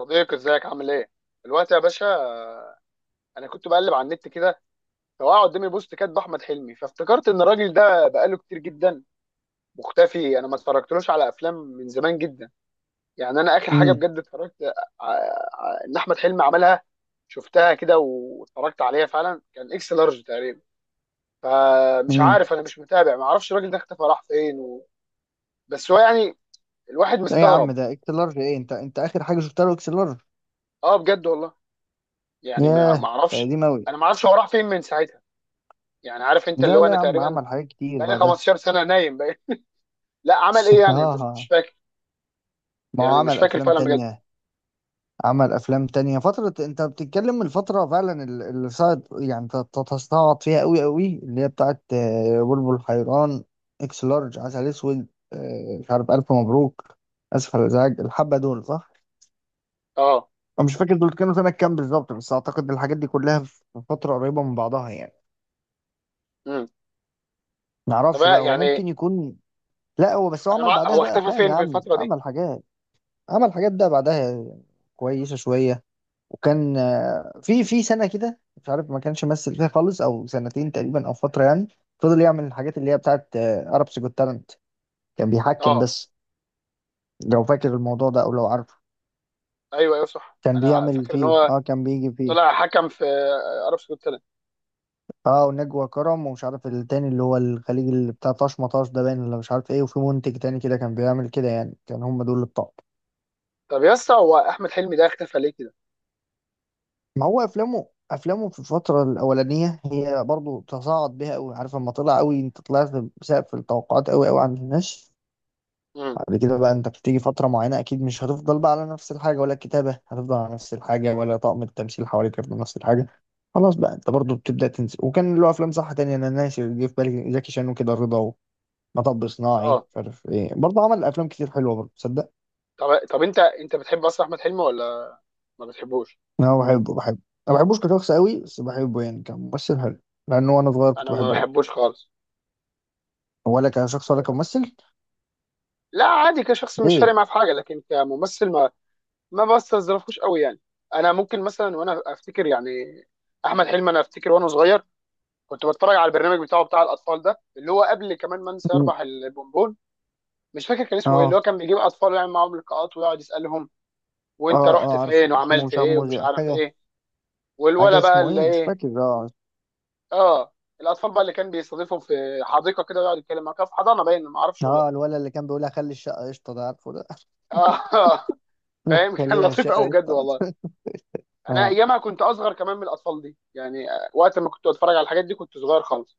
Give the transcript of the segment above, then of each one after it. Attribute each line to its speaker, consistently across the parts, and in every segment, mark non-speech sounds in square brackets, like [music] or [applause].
Speaker 1: صديقي ازيك عامل ايه؟ دلوقتي يا باشا، انا كنت بقلب على النت كده، فوقع قدامي بوست كاتب احمد حلمي، فافتكرت ان الراجل ده بقاله كتير جدا مختفي. انا ما اتفرجتلوش على افلام من زمان جدا. يعني انا اخر حاجه
Speaker 2: امم
Speaker 1: بجد اتفرجت ان احمد حلمي عملها، شفتها كده واتفرجت عليها فعلا، كان اكس لارج تقريبا. فمش
Speaker 2: امم.
Speaker 1: عارف، انا مش متابع، ما اعرفش الراجل ده اختفى راح فين بس هو يعني الواحد
Speaker 2: لا يا عم،
Speaker 1: مستغرب.
Speaker 2: ده اكس لارج ايه؟ انت اخر حاجه شفتها له اكس لارج؟
Speaker 1: اه بجد والله. يعني ما
Speaker 2: ياه،
Speaker 1: ما
Speaker 2: ده
Speaker 1: اعرفش.
Speaker 2: قديم اوي.
Speaker 1: انا ما اعرفش هو راح فين من ساعتها. يعني عارف انت اللي
Speaker 2: لا
Speaker 1: هو
Speaker 2: لا
Speaker 1: انا
Speaker 2: يا عم،
Speaker 1: تقريبا
Speaker 2: عمل حاجات كتير
Speaker 1: بقالي
Speaker 2: بعدها.
Speaker 1: 15 سنه نايم بقى. لا عمل ايه؟
Speaker 2: [laughs]
Speaker 1: يعني مش
Speaker 2: اه،
Speaker 1: فاكر.
Speaker 2: ما هو
Speaker 1: يعني مش
Speaker 2: عمل
Speaker 1: فاكر
Speaker 2: افلام
Speaker 1: فعلا بجد.
Speaker 2: تانية. عمل افلام تانية. فتره انت بتتكلم من الفتره فعلا اللي صعد، يعني تستعبط فيها اوي اوي، اللي هي بتاعت بلبل حيران، اكس لارج، عسل اسود، مش عارف، الف مبروك، اسف على الازعاج، الحبه دول صح.
Speaker 1: اه.
Speaker 2: انا مش فاكر دول كانوا سنه كام بالظبط، بس اعتقد الحاجات دي كلها في فتره قريبه من بعضها يعني.
Speaker 1: امم.
Speaker 2: معرفش بقى، هو
Speaker 1: يعني
Speaker 2: ممكن يكون. لا، هو بس هو عمل بعدها
Speaker 1: هو
Speaker 2: بقى
Speaker 1: اختفى
Speaker 2: افلام يا
Speaker 1: فين في
Speaker 2: عم،
Speaker 1: الفتره دي؟
Speaker 2: عمل حاجات. عمل حاجات ده بعدها كويسه شويه. وكان في سنه كده مش عارف ما كانش ممثل فيها خالص، او سنتين تقريبا، او فتره يعني. فضل يعمل الحاجات اللي هي بتاعت ارابس جوت تالنت، كان بيحكم
Speaker 1: اه.
Speaker 2: بس. لو فاكر الموضوع ده او لو عارفه،
Speaker 1: ايوه صح،
Speaker 2: كان
Speaker 1: انا
Speaker 2: بيعمل
Speaker 1: فاكر ان
Speaker 2: فيه،
Speaker 1: هو
Speaker 2: اه كان بيجي فيه.
Speaker 1: طلع حكم في عرب سعود سنه.
Speaker 2: اه، ونجوى كرم، ومش عارف التاني اللي هو الخليجي اللي بتاع طاش مطاش ده باين، ولا مش عارف ايه. وفي منتج تاني كده كان بيعمل كده يعني. كان هم دول اللي بتوع.
Speaker 1: طب يا اسطى، هو احمد حلمي ده اختفى ليه كده؟
Speaker 2: ما هو افلامه، افلامه في الفتره الاولانيه هي برضو تصاعد بيها قوي. عارف لما طلع قوي، انت طلعت بسقف التوقعات قوي قوي عند الناس.
Speaker 1: امم.
Speaker 2: بعد كده بقى انت بتيجي فتره معينه اكيد مش هتفضل بقى على نفس الحاجه، ولا الكتابه هتفضل على نفس الحاجه، ولا طاقم التمثيل حواليك هيفضل نفس الحاجه. خلاص بقى انت برضو بتبدا تنسى. وكان له افلام صح تانية، انا ناسي. اللي جه في بالي زكي شان وكده، رضا، ومطب صناعي،
Speaker 1: اه.
Speaker 2: مش عارف ايه، برضه عمل افلام كتير حلوه برضه تصدق.
Speaker 1: طب انت بتحب اصلا احمد حلمي ولا ما بتحبوش؟
Speaker 2: انا بحبه بحبه. ما بحبوش كشخص قوي، بس بحبه يعني كممثل حلو. لانه وانا صغير
Speaker 1: انا
Speaker 2: كنت
Speaker 1: ما
Speaker 2: بحبه أوي.
Speaker 1: بحبوش خالص.
Speaker 2: ولا كشخص ولا كممثل.
Speaker 1: لا عادي، كشخص مش فارق
Speaker 2: ليه؟
Speaker 1: معاه في حاجه، لكن كممثل ما ما بستظرفوش قوي يعني. انا ممكن مثلا وانا افتكر يعني احمد حلمي، انا افتكر وانا صغير كنت بتفرج على البرنامج بتاعه، بتاع الاطفال ده اللي هو قبل كمان ما انسى
Speaker 2: م.
Speaker 1: يربح البونبون. مش فاكر كان اسمه ايه، اللي هو
Speaker 2: اه.
Speaker 1: كان بيجيب اطفال ويعمل معاهم لقاءات ويقعد يسالهم وانت
Speaker 2: اه.
Speaker 1: رحت
Speaker 2: اه،
Speaker 1: فين
Speaker 2: عارفه اسمه،
Speaker 1: وعملت
Speaker 2: مش عارف
Speaker 1: ايه ومش عارف
Speaker 2: حاجه.
Speaker 1: ايه.
Speaker 2: حاجه
Speaker 1: والولا بقى
Speaker 2: اسمه
Speaker 1: اللي
Speaker 2: ايه، مش
Speaker 1: ايه.
Speaker 2: فاكر. اه.
Speaker 1: اه. الاطفال بقى اللي كان بيستضيفهم في حديقه كده، ويقعد يتكلم معاك في حضانه باين، ما اعرفش والله.
Speaker 2: اه، الولد اللي كان بيقول هخلي الشقه قشطه، ده عارفه ده؟
Speaker 1: اه. [laughs]
Speaker 2: [laughs] لك
Speaker 1: فاهم، كان
Speaker 2: خلي لها
Speaker 1: لطيف قوي
Speaker 2: الشقه
Speaker 1: بجد والله.
Speaker 2: قشطه. [laughs]
Speaker 1: انا
Speaker 2: اه،
Speaker 1: ايامها كنت اصغر كمان من الاطفال دي يعني، وقت ما كنت اتفرج على الحاجات دي كنت صغير خالص.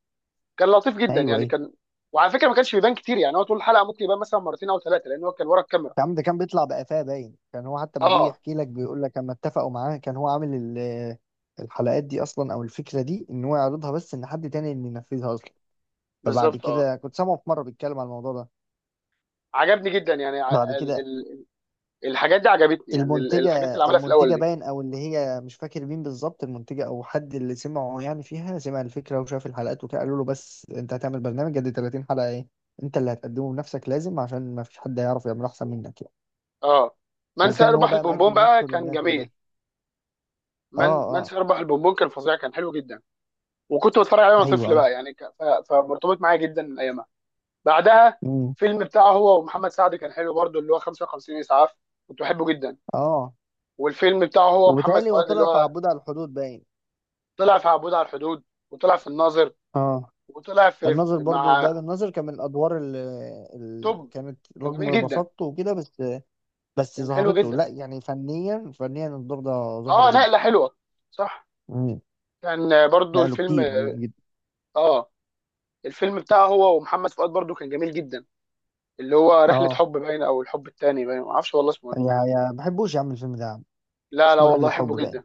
Speaker 1: كان لطيف جدا
Speaker 2: ايوه
Speaker 1: يعني
Speaker 2: ايوه.
Speaker 1: كان. وعلى فكره ما كانش بيبان كتير، يعني هو طول الحلقه ممكن يبان مثلا مرتين او ثلاثه، لان هو كان ورا الكاميرا.
Speaker 2: يا عم ده كان بيطلع بقفاه باين، كان هو حتى ما بيجي
Speaker 1: اه.
Speaker 2: يحكي لك بيقول لك اما اتفقوا معاه كان هو عامل الحلقات دي اصلا، او الفكره دي ان هو يعرضها، بس ان حد تاني اللي ينفذها اصلا. فبعد
Speaker 1: بالظبط اه.
Speaker 2: كده كنت سامعه في مره بيتكلم على الموضوع ده.
Speaker 1: عجبني جدا يعني ع-
Speaker 2: بعد
Speaker 1: ال
Speaker 2: كده
Speaker 1: ال الحاجات دي عجبتني، يعني
Speaker 2: المنتجة.
Speaker 1: الحاجات اللي عملها في الاول
Speaker 2: المنتجة
Speaker 1: دي.
Speaker 2: باين، أو اللي هي مش فاكر مين بالظبط، المنتجة أو حد اللي سمعه يعني فيها، سمع الفكرة وشاف الحلقات وكده، قالوا له بس أنت هتعمل برنامج قد 30 حلقة إيه؟ أنت اللي هتقدمه بنفسك لازم، عشان ما فيش حد هيعرف يعمل أحسن منك يعني.
Speaker 1: اه. من
Speaker 2: وكان هو
Speaker 1: سيربح
Speaker 2: بقى
Speaker 1: البونبون
Speaker 2: مقدم
Speaker 1: بقى
Speaker 2: نفسه
Speaker 1: كان
Speaker 2: للناس
Speaker 1: جميل.
Speaker 2: بده. أه.
Speaker 1: من
Speaker 2: أه.
Speaker 1: سيربح البونبون كان فظيع، كان حلو جدا. وكنت بتفرج عليه وانا
Speaker 2: أيوه
Speaker 1: طفل
Speaker 2: أيوه.
Speaker 1: بقى، يعني فمرتبط معايا جدا ايامها. بعدها
Speaker 2: أمم،
Speaker 1: فيلم بتاعه هو ومحمد سعد كان حلو برضه، اللي هو 55 اسعاف، كنت بحبه جدا.
Speaker 2: أه.
Speaker 1: والفيلم بتاعه هو ومحمد
Speaker 2: وبالتالي هو
Speaker 1: فؤاد اللي
Speaker 2: طلع في
Speaker 1: هو
Speaker 2: عبود على الحدود باين.
Speaker 1: طلع في عبود على الحدود، وطلع في الناظر،
Speaker 2: أه،
Speaker 1: وطلع في
Speaker 2: الناظر برضو
Speaker 1: مع
Speaker 2: ده، بالناظر كان من الأدوار اللي، اللي
Speaker 1: توب.
Speaker 2: كانت
Speaker 1: كان جميل
Speaker 2: رغم
Speaker 1: جدا.
Speaker 2: بساطته وكده بس، بس
Speaker 1: كان حلو
Speaker 2: ظهرته،
Speaker 1: جدا.
Speaker 2: لا يعني فنيا، فنيا الدور ده ظهره
Speaker 1: اه نقله
Speaker 2: جدا.
Speaker 1: حلوه. صح.
Speaker 2: مم.
Speaker 1: كان برضه
Speaker 2: نقله
Speaker 1: الفيلم.
Speaker 2: كتير يعني جدا.
Speaker 1: اه. الفيلم بتاعه هو ومحمد فؤاد برضه كان جميل جدا، اللي هو رحله
Speaker 2: اه.
Speaker 1: حب باين، او الحب التاني باين، ما اعرفش والله اسمه ايه.
Speaker 2: يا ما بحبوش يا عم الفيلم ده يا عم.
Speaker 1: لا
Speaker 2: اسمه
Speaker 1: والله
Speaker 2: رحلة حب
Speaker 1: احبه
Speaker 2: باين. ما
Speaker 1: جدا.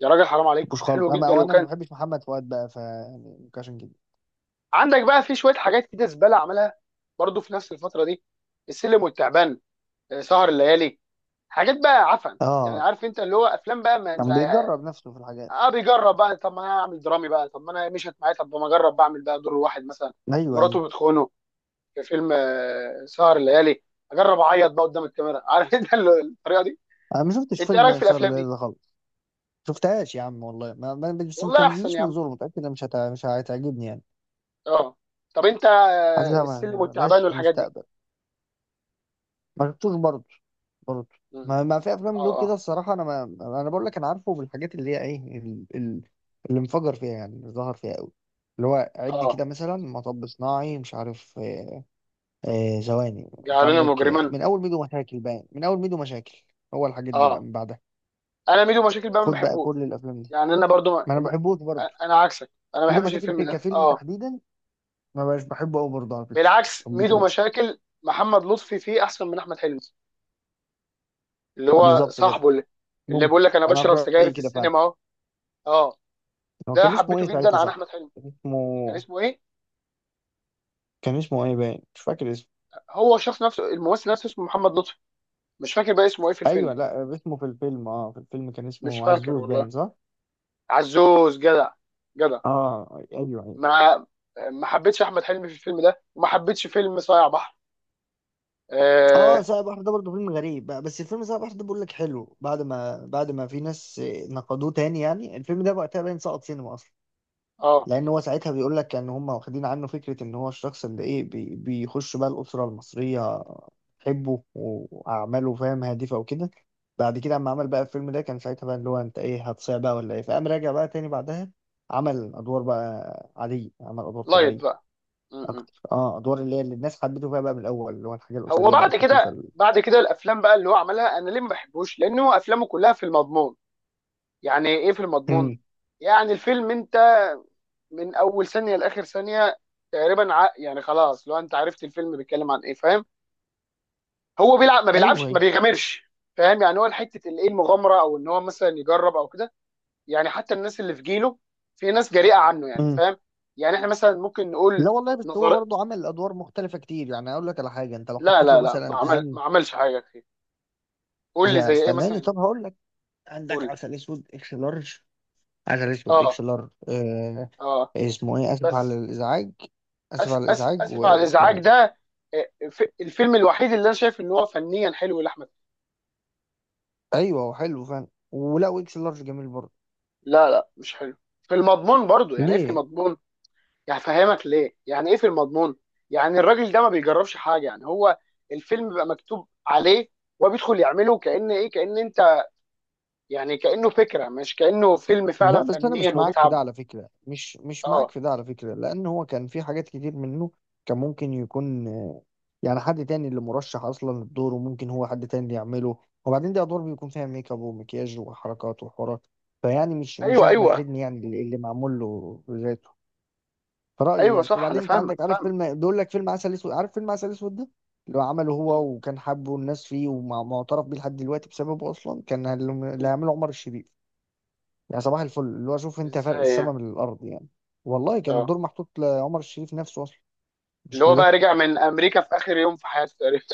Speaker 1: يا راجل حرام عليك،
Speaker 2: بحبوش خالص
Speaker 1: حلو
Speaker 2: انا،
Speaker 1: جدا
Speaker 2: وانا ما
Speaker 1: وكان.
Speaker 2: بحبش محمد فؤاد بقى، ف يعني ممكن عشان كده.
Speaker 1: عندك بقى في شويه حاجات كده زباله عملها برضو في نفس الفتره دي: السلم والتعبان، سهر الليالي. حاجات بقى عفن يعني،
Speaker 2: اه،
Speaker 1: عارف انت اللي هو افلام بقى ما.
Speaker 2: كان بيجرب نفسه في الحاجات.
Speaker 1: اه بيجرب بقى، طب ما انا اعمل درامي بقى، طب ما انا مشيت معايا، طب ما اجرب بعمل بقى دور واحد مثلا
Speaker 2: ايوه ايوه.
Speaker 1: مراته بتخونه في فيلم سهر الليالي، اجرب اعيط بقى قدام الكاميرا [laughs] عارف انت الطريقه دي.
Speaker 2: انا ما شفتش
Speaker 1: انت ايه رايك
Speaker 2: فيلم
Speaker 1: في
Speaker 2: سهر
Speaker 1: الافلام
Speaker 2: الليل
Speaker 1: دي؟
Speaker 2: ده خالص. شفتهاش يا عم والله، ما بس ما
Speaker 1: والله احسن
Speaker 2: تنزليش
Speaker 1: يا
Speaker 2: من
Speaker 1: عم.
Speaker 2: زور، متأكد إنها مش هتعجبني يعني.
Speaker 1: اه. طب انت
Speaker 2: حاسسها
Speaker 1: السلم
Speaker 2: ما
Speaker 1: والتعبان
Speaker 2: لهاش
Speaker 1: والحاجات دي.
Speaker 2: مستقبل. ما شفتوش برضه. برضه.
Speaker 1: مم.
Speaker 2: ما في
Speaker 1: اه
Speaker 2: افلام له
Speaker 1: اه
Speaker 2: كده الصراحه، انا ما. انا بقول لك انا عارفه بالحاجات اللي هي ايه، اللي انفجر فيها يعني، اللي ظهر فيها قوي. اللي هو عد
Speaker 1: اه
Speaker 2: كده مثلا مطب صناعي، مش عارف ثواني، انت
Speaker 1: جعلنا
Speaker 2: عندك
Speaker 1: مجرما.
Speaker 2: من اول ميدو مشاكل باين، من اول ميدو مشاكل. هو الحاجات دي بقى
Speaker 1: اه.
Speaker 2: من بعدها.
Speaker 1: انا ميدو مشاكل بقى ما
Speaker 2: خد بقى
Speaker 1: بحبوش.
Speaker 2: كل الافلام دي.
Speaker 1: يعني انا برضو
Speaker 2: ما انا ما بحبوش برضه.
Speaker 1: انا عكسك، انا ما
Speaker 2: ميدو
Speaker 1: بحبش
Speaker 2: مشاكل
Speaker 1: الفيلم
Speaker 2: في
Speaker 1: ده
Speaker 2: كفيلم
Speaker 1: اه.
Speaker 2: تحديدا ما بقاش بحبه قوي برضه على فكره. ما
Speaker 1: بالعكس،
Speaker 2: بحبوش
Speaker 1: ميدو
Speaker 2: قوي.
Speaker 1: مشاكل محمد لطفي فيه احسن من احمد حلمي، اللي هو
Speaker 2: بالظبط كده.
Speaker 1: صاحبه اللي، اللي
Speaker 2: ممكن.
Speaker 1: بيقول لك انا
Speaker 2: انا في
Speaker 1: بشرب سجاير
Speaker 2: رايي
Speaker 1: في
Speaker 2: كده فعلا.
Speaker 1: السينما اهو. اه
Speaker 2: هو
Speaker 1: ده
Speaker 2: كان اسمه
Speaker 1: حبيته
Speaker 2: ايه
Speaker 1: جدا
Speaker 2: ساعتها
Speaker 1: عن احمد
Speaker 2: صح؟
Speaker 1: حلمي. كان
Speaker 2: اسمه.
Speaker 1: اسمه ايه؟
Speaker 2: كان اسمه ايه باين، مش فاكر اسمه.
Speaker 1: هو الشخص نفسه، الممثل نفسه اسمه محمد لطفي. مش فاكر بقى اسمه ايه في
Speaker 2: ايوه،
Speaker 1: الفيلم.
Speaker 2: لا اسمه في الفيلم، اه في الفيلم كان
Speaker 1: مش
Speaker 2: اسمه
Speaker 1: فاكر
Speaker 2: عزوز
Speaker 1: والله.
Speaker 2: باين صح.
Speaker 1: عزوز جدع. جدع.
Speaker 2: اه ايوه ايوه.
Speaker 1: ما ما حبيتش احمد حلمي في الفيلم ده، وما حبيتش فيلم صايع بحر.
Speaker 2: اه،
Speaker 1: اه.
Speaker 2: ساعة بحر ده برضه فيلم غريب بقى، بس الفيلم ساعة بحر ده بقول لك حلو بعد ما، في ناس نقدوه تاني يعني. الفيلم ده وقتها باين سقط سينما اصلا،
Speaker 1: آه.
Speaker 2: لان هو ساعتها بيقول لك ان هم واخدين عنه فكره ان هو الشخص اللي ايه بي بيخش بقى الاسره المصريه، حبه واعماله فاهم، هادفه وكده. بعد كده اما عمل بقى الفيلم ده كان ساعتها بقى اللي هو انت ايه هتصيع بقى ولا ايه، فقام راجع بقى تاني بعدها. عمل ادوار بقى عاديه، عمل ادوار
Speaker 1: لايت
Speaker 2: طبيعيه
Speaker 1: بقى. م.
Speaker 2: اكتر. اه ادوار اللي هي اللي الناس حبته فيها بقى من الاول، اللي هو الحاجه
Speaker 1: هو
Speaker 2: الاسريه بقى
Speaker 1: بعد
Speaker 2: الخفيفه
Speaker 1: كده، بعد كده الافلام بقى اللي هو عملها انا ليه ما بحبوش، لان هو افلامه كلها في المضمون. يعني ايه في المضمون؟
Speaker 2: مم.
Speaker 1: يعني الفيلم انت من اول ثانيه لاخر ثانيه تقريبا, يعني خلاص لو انت عرفت الفيلم بيتكلم عن ايه، فاهم، هو بيلعب، ما
Speaker 2: ايوه
Speaker 1: بيلعبش، ما
Speaker 2: ايوه.
Speaker 1: بيغامرش. فاهم يعني هو حته الايه، المغامره، او ان هو مثلا يجرب او كده. يعني حتى الناس اللي في جيله، في ناس جريئه عنه يعني،
Speaker 2: مم.
Speaker 1: فاهم. يعني احنا مثلا ممكن نقول
Speaker 2: لا والله، بس هو
Speaker 1: نظر.
Speaker 2: برضه عمل ادوار مختلفه كتير يعني. اقول لك على حاجه، انت لو
Speaker 1: لا
Speaker 2: حطيت له
Speaker 1: لا لا ما
Speaker 2: مثلا
Speaker 1: عمل،
Speaker 2: اهم.
Speaker 1: ما عملش حاجه كتير. قول لي
Speaker 2: يا
Speaker 1: زي ايه
Speaker 2: استناني،
Speaker 1: مثلا.
Speaker 2: طب هقول لك.
Speaker 1: قول
Speaker 2: عندك
Speaker 1: لي.
Speaker 2: عسل اسود، اكس لارج. عسل اسود، اكس
Speaker 1: اه
Speaker 2: لارج آه.
Speaker 1: اه
Speaker 2: اسمه ايه، اسف على
Speaker 1: بس.
Speaker 2: الازعاج. اسف
Speaker 1: أس
Speaker 2: على
Speaker 1: أس
Speaker 2: الازعاج،
Speaker 1: اسف على
Speaker 2: واسمه
Speaker 1: الازعاج
Speaker 2: ايه.
Speaker 1: ده، الفيلم الوحيد اللي انا شايف ان هو فنيا حلو لاحمد.
Speaker 2: ايوه، هو حلو فعلا. ولا اكس لارج جميل برضه.
Speaker 1: لا مش حلو في المضمون برضو. يعني ايه في
Speaker 2: ليه؟
Speaker 1: المضمون؟ يعني فهمك ليه يعني ايه في المضمون. يعني الراجل ده ما بيجربش حاجه، يعني هو الفيلم بيبقى مكتوب عليه وبيدخل يعمله، كأن ايه، كأن انت يعني كأنه فكره، مش كأنه فيلم فعلا
Speaker 2: لا، بس انا
Speaker 1: فنيا
Speaker 2: مش معاك في ده
Speaker 1: وبيتعب.
Speaker 2: على فكره، مش معاك
Speaker 1: اه.
Speaker 2: في ده على فكره، لان هو كان في حاجات كتير منه كان ممكن يكون يعني حد تاني اللي مرشح اصلا للدور، وممكن هو حد تاني اللي يعمله. وبعدين دي ادوار بيكون فيها ميك اب ومكياج وحركات وحوارات، فيعني مش
Speaker 1: ايوه
Speaker 2: احمد
Speaker 1: ايوه
Speaker 2: حلمي يعني اللي اللي معمول له ذاته. رأيي
Speaker 1: ايوه
Speaker 2: يعني.
Speaker 1: صح، انا
Speaker 2: وبعدين انت
Speaker 1: فاهمك
Speaker 2: عندك، عارف
Speaker 1: فاهمك.
Speaker 2: فيلم بيقول لك فيلم عسل اسود، عارف فيلم عسل اسود ده؟ اللي هو عمله
Speaker 1: م-
Speaker 2: هو، وكان حابه الناس فيه ومعترف بيه لحد دلوقتي، بسببه اصلا كان اللي اللي
Speaker 1: م.
Speaker 2: هيعمله عمر الشريف. يعني صباح الفل، اللي هو شوف انت فرق
Speaker 1: ازاي يعني؟
Speaker 2: السما من الارض يعني. والله كان
Speaker 1: اه.
Speaker 2: دور محطوط لعمر الشريف نفسه اصلا،
Speaker 1: اللي
Speaker 2: مش
Speaker 1: هو بقى
Speaker 2: لده.
Speaker 1: رجع من امريكا في اخر يوم في حياته تقريبا،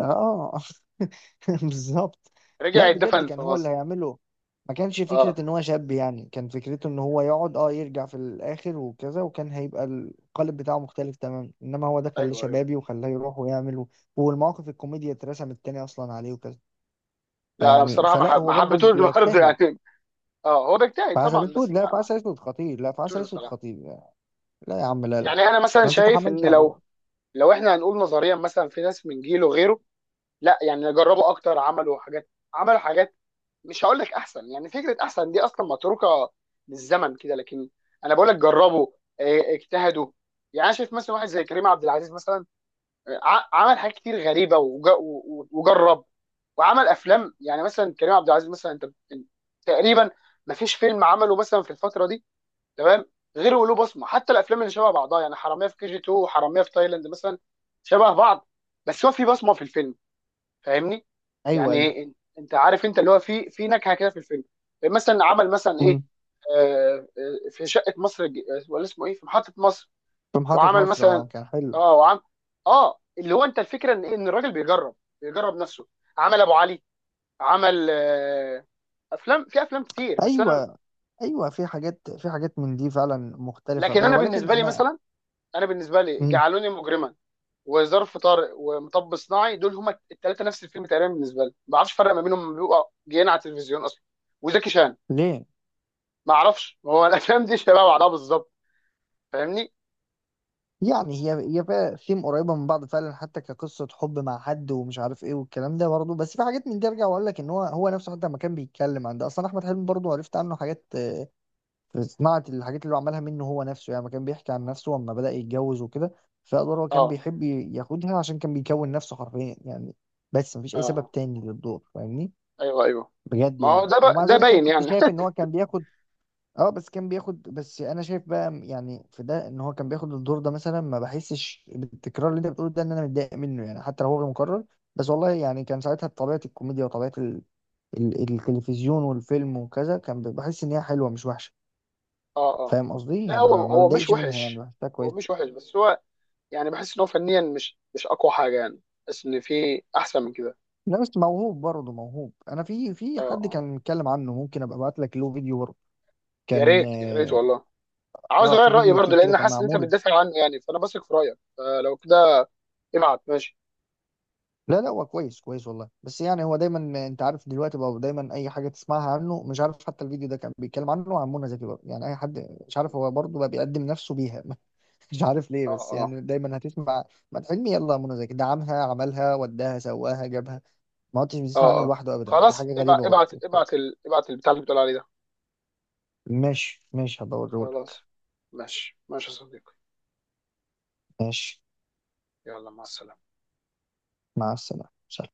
Speaker 2: اه [laughs] بالظبط.
Speaker 1: رجع
Speaker 2: لا بجد
Speaker 1: يتدفن في
Speaker 2: كان هو اللي
Speaker 1: مصر.
Speaker 2: هيعمله. ما كانش
Speaker 1: اه.
Speaker 2: فكرة ان هو شاب يعني، كان فكرته ان هو يقعد اه يرجع في الاخر وكذا، وكان هيبقى القالب بتاعه مختلف تماما، انما هو ده خلاه
Speaker 1: ايوه.
Speaker 2: شبابي وخلاه يروح ويعمل والمواقف الكوميديا اترسمت تاني اصلا عليه وكذا.
Speaker 1: لا انا
Speaker 2: فيعني
Speaker 1: بصراحه
Speaker 2: فلا
Speaker 1: ما
Speaker 2: هو برضه
Speaker 1: حبيتهوش برضه [laughs]
Speaker 2: بيجتهد.
Speaker 1: يعني. اه هو
Speaker 2: في
Speaker 1: بيجتهد
Speaker 2: عسل
Speaker 1: طبعا، بس
Speaker 2: اسود، لا
Speaker 1: ما
Speaker 2: في
Speaker 1: ما
Speaker 2: عسل اسود خطير، لا في عسل
Speaker 1: حبيتهوش
Speaker 2: اسود
Speaker 1: بصراحه.
Speaker 2: خطير لا. لا يا عم لا لا،
Speaker 1: يعني انا مثلا
Speaker 2: ما
Speaker 1: شايف
Speaker 2: تتحملش
Speaker 1: ان
Speaker 2: عليه.
Speaker 1: لو، لو احنا هنقول نظريا مثلا، في ناس من جيله غيره. لا يعني جربوا اكتر، عملوا حاجات، عملوا حاجات، مش هقول لك احسن، يعني فكره احسن دي اصلا متروكه للزمن كده، لكن انا بقول لك جربوا، اه، اجتهدوا. يعني انا شايف مثلا واحد زي كريم عبد العزيز مثلا، عمل حاجات كتير غريبه وجرب وعمل افلام. يعني مثلا كريم عبد العزيز مثلا، انت أنت تقريبا ما فيش فيلم عمله مثلا في الفتره دي، تمام، غير وله بصمه. حتى الافلام اللي شبه بعضها يعني، حراميه في كي جي 2 وحراميه في تايلاند مثلا، شبه بعض، بس هو في بصمه في الفيلم. فاهمني؟
Speaker 2: ايوه ايوه.
Speaker 1: يعني أن- انت عارف انت اللي هو في في نكهه كده في الفيلم. مثلا عمل مثلا ايه،
Speaker 2: أمم.
Speaker 1: في ولا اسمه ايه، في محطه مصر.
Speaker 2: في محطة
Speaker 1: وعمل
Speaker 2: مصر،
Speaker 1: مثلا.
Speaker 2: اه كان حلو.
Speaker 1: اه وعم اه اللي هو انت الفكره ان ان الراجل بيجرب، بيجرب نفسه. عمل ابو علي، عمل افلام افلام كتير. بس انا،
Speaker 2: ايوه ايوه، في حاجات، في حاجات من دي فعلا مختلفه
Speaker 1: لكن
Speaker 2: بس،
Speaker 1: انا
Speaker 2: ولكن
Speaker 1: بالنسبه لي
Speaker 2: انا.
Speaker 1: مثلا، انا بالنسبه لي
Speaker 2: مم.
Speaker 1: جعلوني مجرما وظرف طارق ومطب صناعي، دول هما الثلاثه نفس الفيلم تقريبا بالنسبه لي، ما بعرفش الفرق ما بينهم، بيبقى جايين على التلفزيون اصلا. وزكي شان.
Speaker 2: ليه؟
Speaker 1: ما اعرفش هو [laughs] الافلام دي شبه بعضها بالظبط. فاهمني؟
Speaker 2: يعني هي، هي فيها ثيم قريبه من بعض فعلا، حتى كقصه حب مع حد ومش عارف ايه والكلام ده برضه. بس في حاجات من دي ارجع واقول لك ان هو هو نفسه حتى لما كان بيتكلم عن ده اصلا، احمد حلمي برضه عرفت عنه حاجات في صناعه الحاجات اللي هو عملها، منه هو نفسه يعني، لما كان بيحكي عن نفسه لما بدا يتجوز وكده. فادوار هو كان
Speaker 1: اه
Speaker 2: بيحب ياخدها عشان كان بيكون نفسه حرفيا يعني. بس مفيش
Speaker 1: اه.
Speaker 2: اي
Speaker 1: آه.
Speaker 2: سبب تاني للدور، فاهمني؟
Speaker 1: ايوه ايوه.
Speaker 2: بجد
Speaker 1: ما هو
Speaker 2: يعني.
Speaker 1: ده
Speaker 2: ومع
Speaker 1: ده
Speaker 2: ذلك انا
Speaker 1: باين
Speaker 2: كنت
Speaker 1: يعني.
Speaker 2: شايف ان هو كان بياخد، اه بس كان بياخد. بس انا شايف بقى يعني في ده، ان هو كان بياخد الدور ده مثلا ما بحسش بالتكرار اللي انت بتقوله ده، ان انا متضايق منه يعني، حتى لو هو غير مكرر. بس والله يعني كان ساعتها طبيعة الكوميديا وطبيعة التلفزيون والفيلم وكذا كان بحس ان هي حلوة مش وحشة.
Speaker 1: [laughs] اه اه.
Speaker 2: فاهم قصدي
Speaker 1: لا
Speaker 2: يعني؟
Speaker 1: هو،
Speaker 2: ما
Speaker 1: هو مش
Speaker 2: بتضايقش منها يعني،
Speaker 1: وحش.
Speaker 2: بحسها
Speaker 1: هو
Speaker 2: كويس.
Speaker 1: مش وحش بس هو يعني بحس ان هو فنيا مش مش اقوى حاجه يعني. بحس ان في احسن من كده.
Speaker 2: لا، بس موهوب برضه، موهوب. انا في في
Speaker 1: اه
Speaker 2: حد
Speaker 1: اه.
Speaker 2: كان متكلم عنه، ممكن ابقى ابعت لك له فيديو برضه.
Speaker 1: يا
Speaker 2: كان
Speaker 1: ريت يا ريت
Speaker 2: اه،
Speaker 1: والله. عاوز اغير
Speaker 2: في
Speaker 1: رايي
Speaker 2: فيديو
Speaker 1: برضه،
Speaker 2: يوتيوب كده
Speaker 1: لان
Speaker 2: كان
Speaker 1: حاسس ان انت
Speaker 2: معمول.
Speaker 1: بتدافع عنه يعني، فانا بثق في رايك فلو كده ابعت، ماشي.
Speaker 2: لا لا هو كويس كويس والله، بس يعني هو دايما انت عارف دلوقتي بقى، دايما اي حاجه تسمعها عنه مش عارف، حتى الفيديو ده كان بيتكلم عنه عن منى زكي بقى يعني، اي حد مش عارف، هو برضه بقى بيقدم نفسه بيها. [laughs] مش عارف ليه،
Speaker 1: اه
Speaker 2: بس
Speaker 1: اه
Speaker 2: يعني دايما هتسمع، ما حلمي يلا منى زكي دعمها، عملها، وداها، سواها، جابها. ما كنتش بتسمع
Speaker 1: اه
Speaker 2: عنه
Speaker 1: اه.
Speaker 2: لوحده ابدا، دي
Speaker 1: خلاص
Speaker 2: حاجه
Speaker 1: ابعت
Speaker 2: غريبه برضه.
Speaker 1: ابعت ابعت ابعت البتاع اللي بتقول عليه ده.
Speaker 2: ماشي ماشي، هبقى اوريهولك.
Speaker 1: خلاص. ماشي ماشي يا صديقي.
Speaker 2: ماشي.
Speaker 1: يلا، مع السلامه.
Speaker 2: مع السلامه. سلام.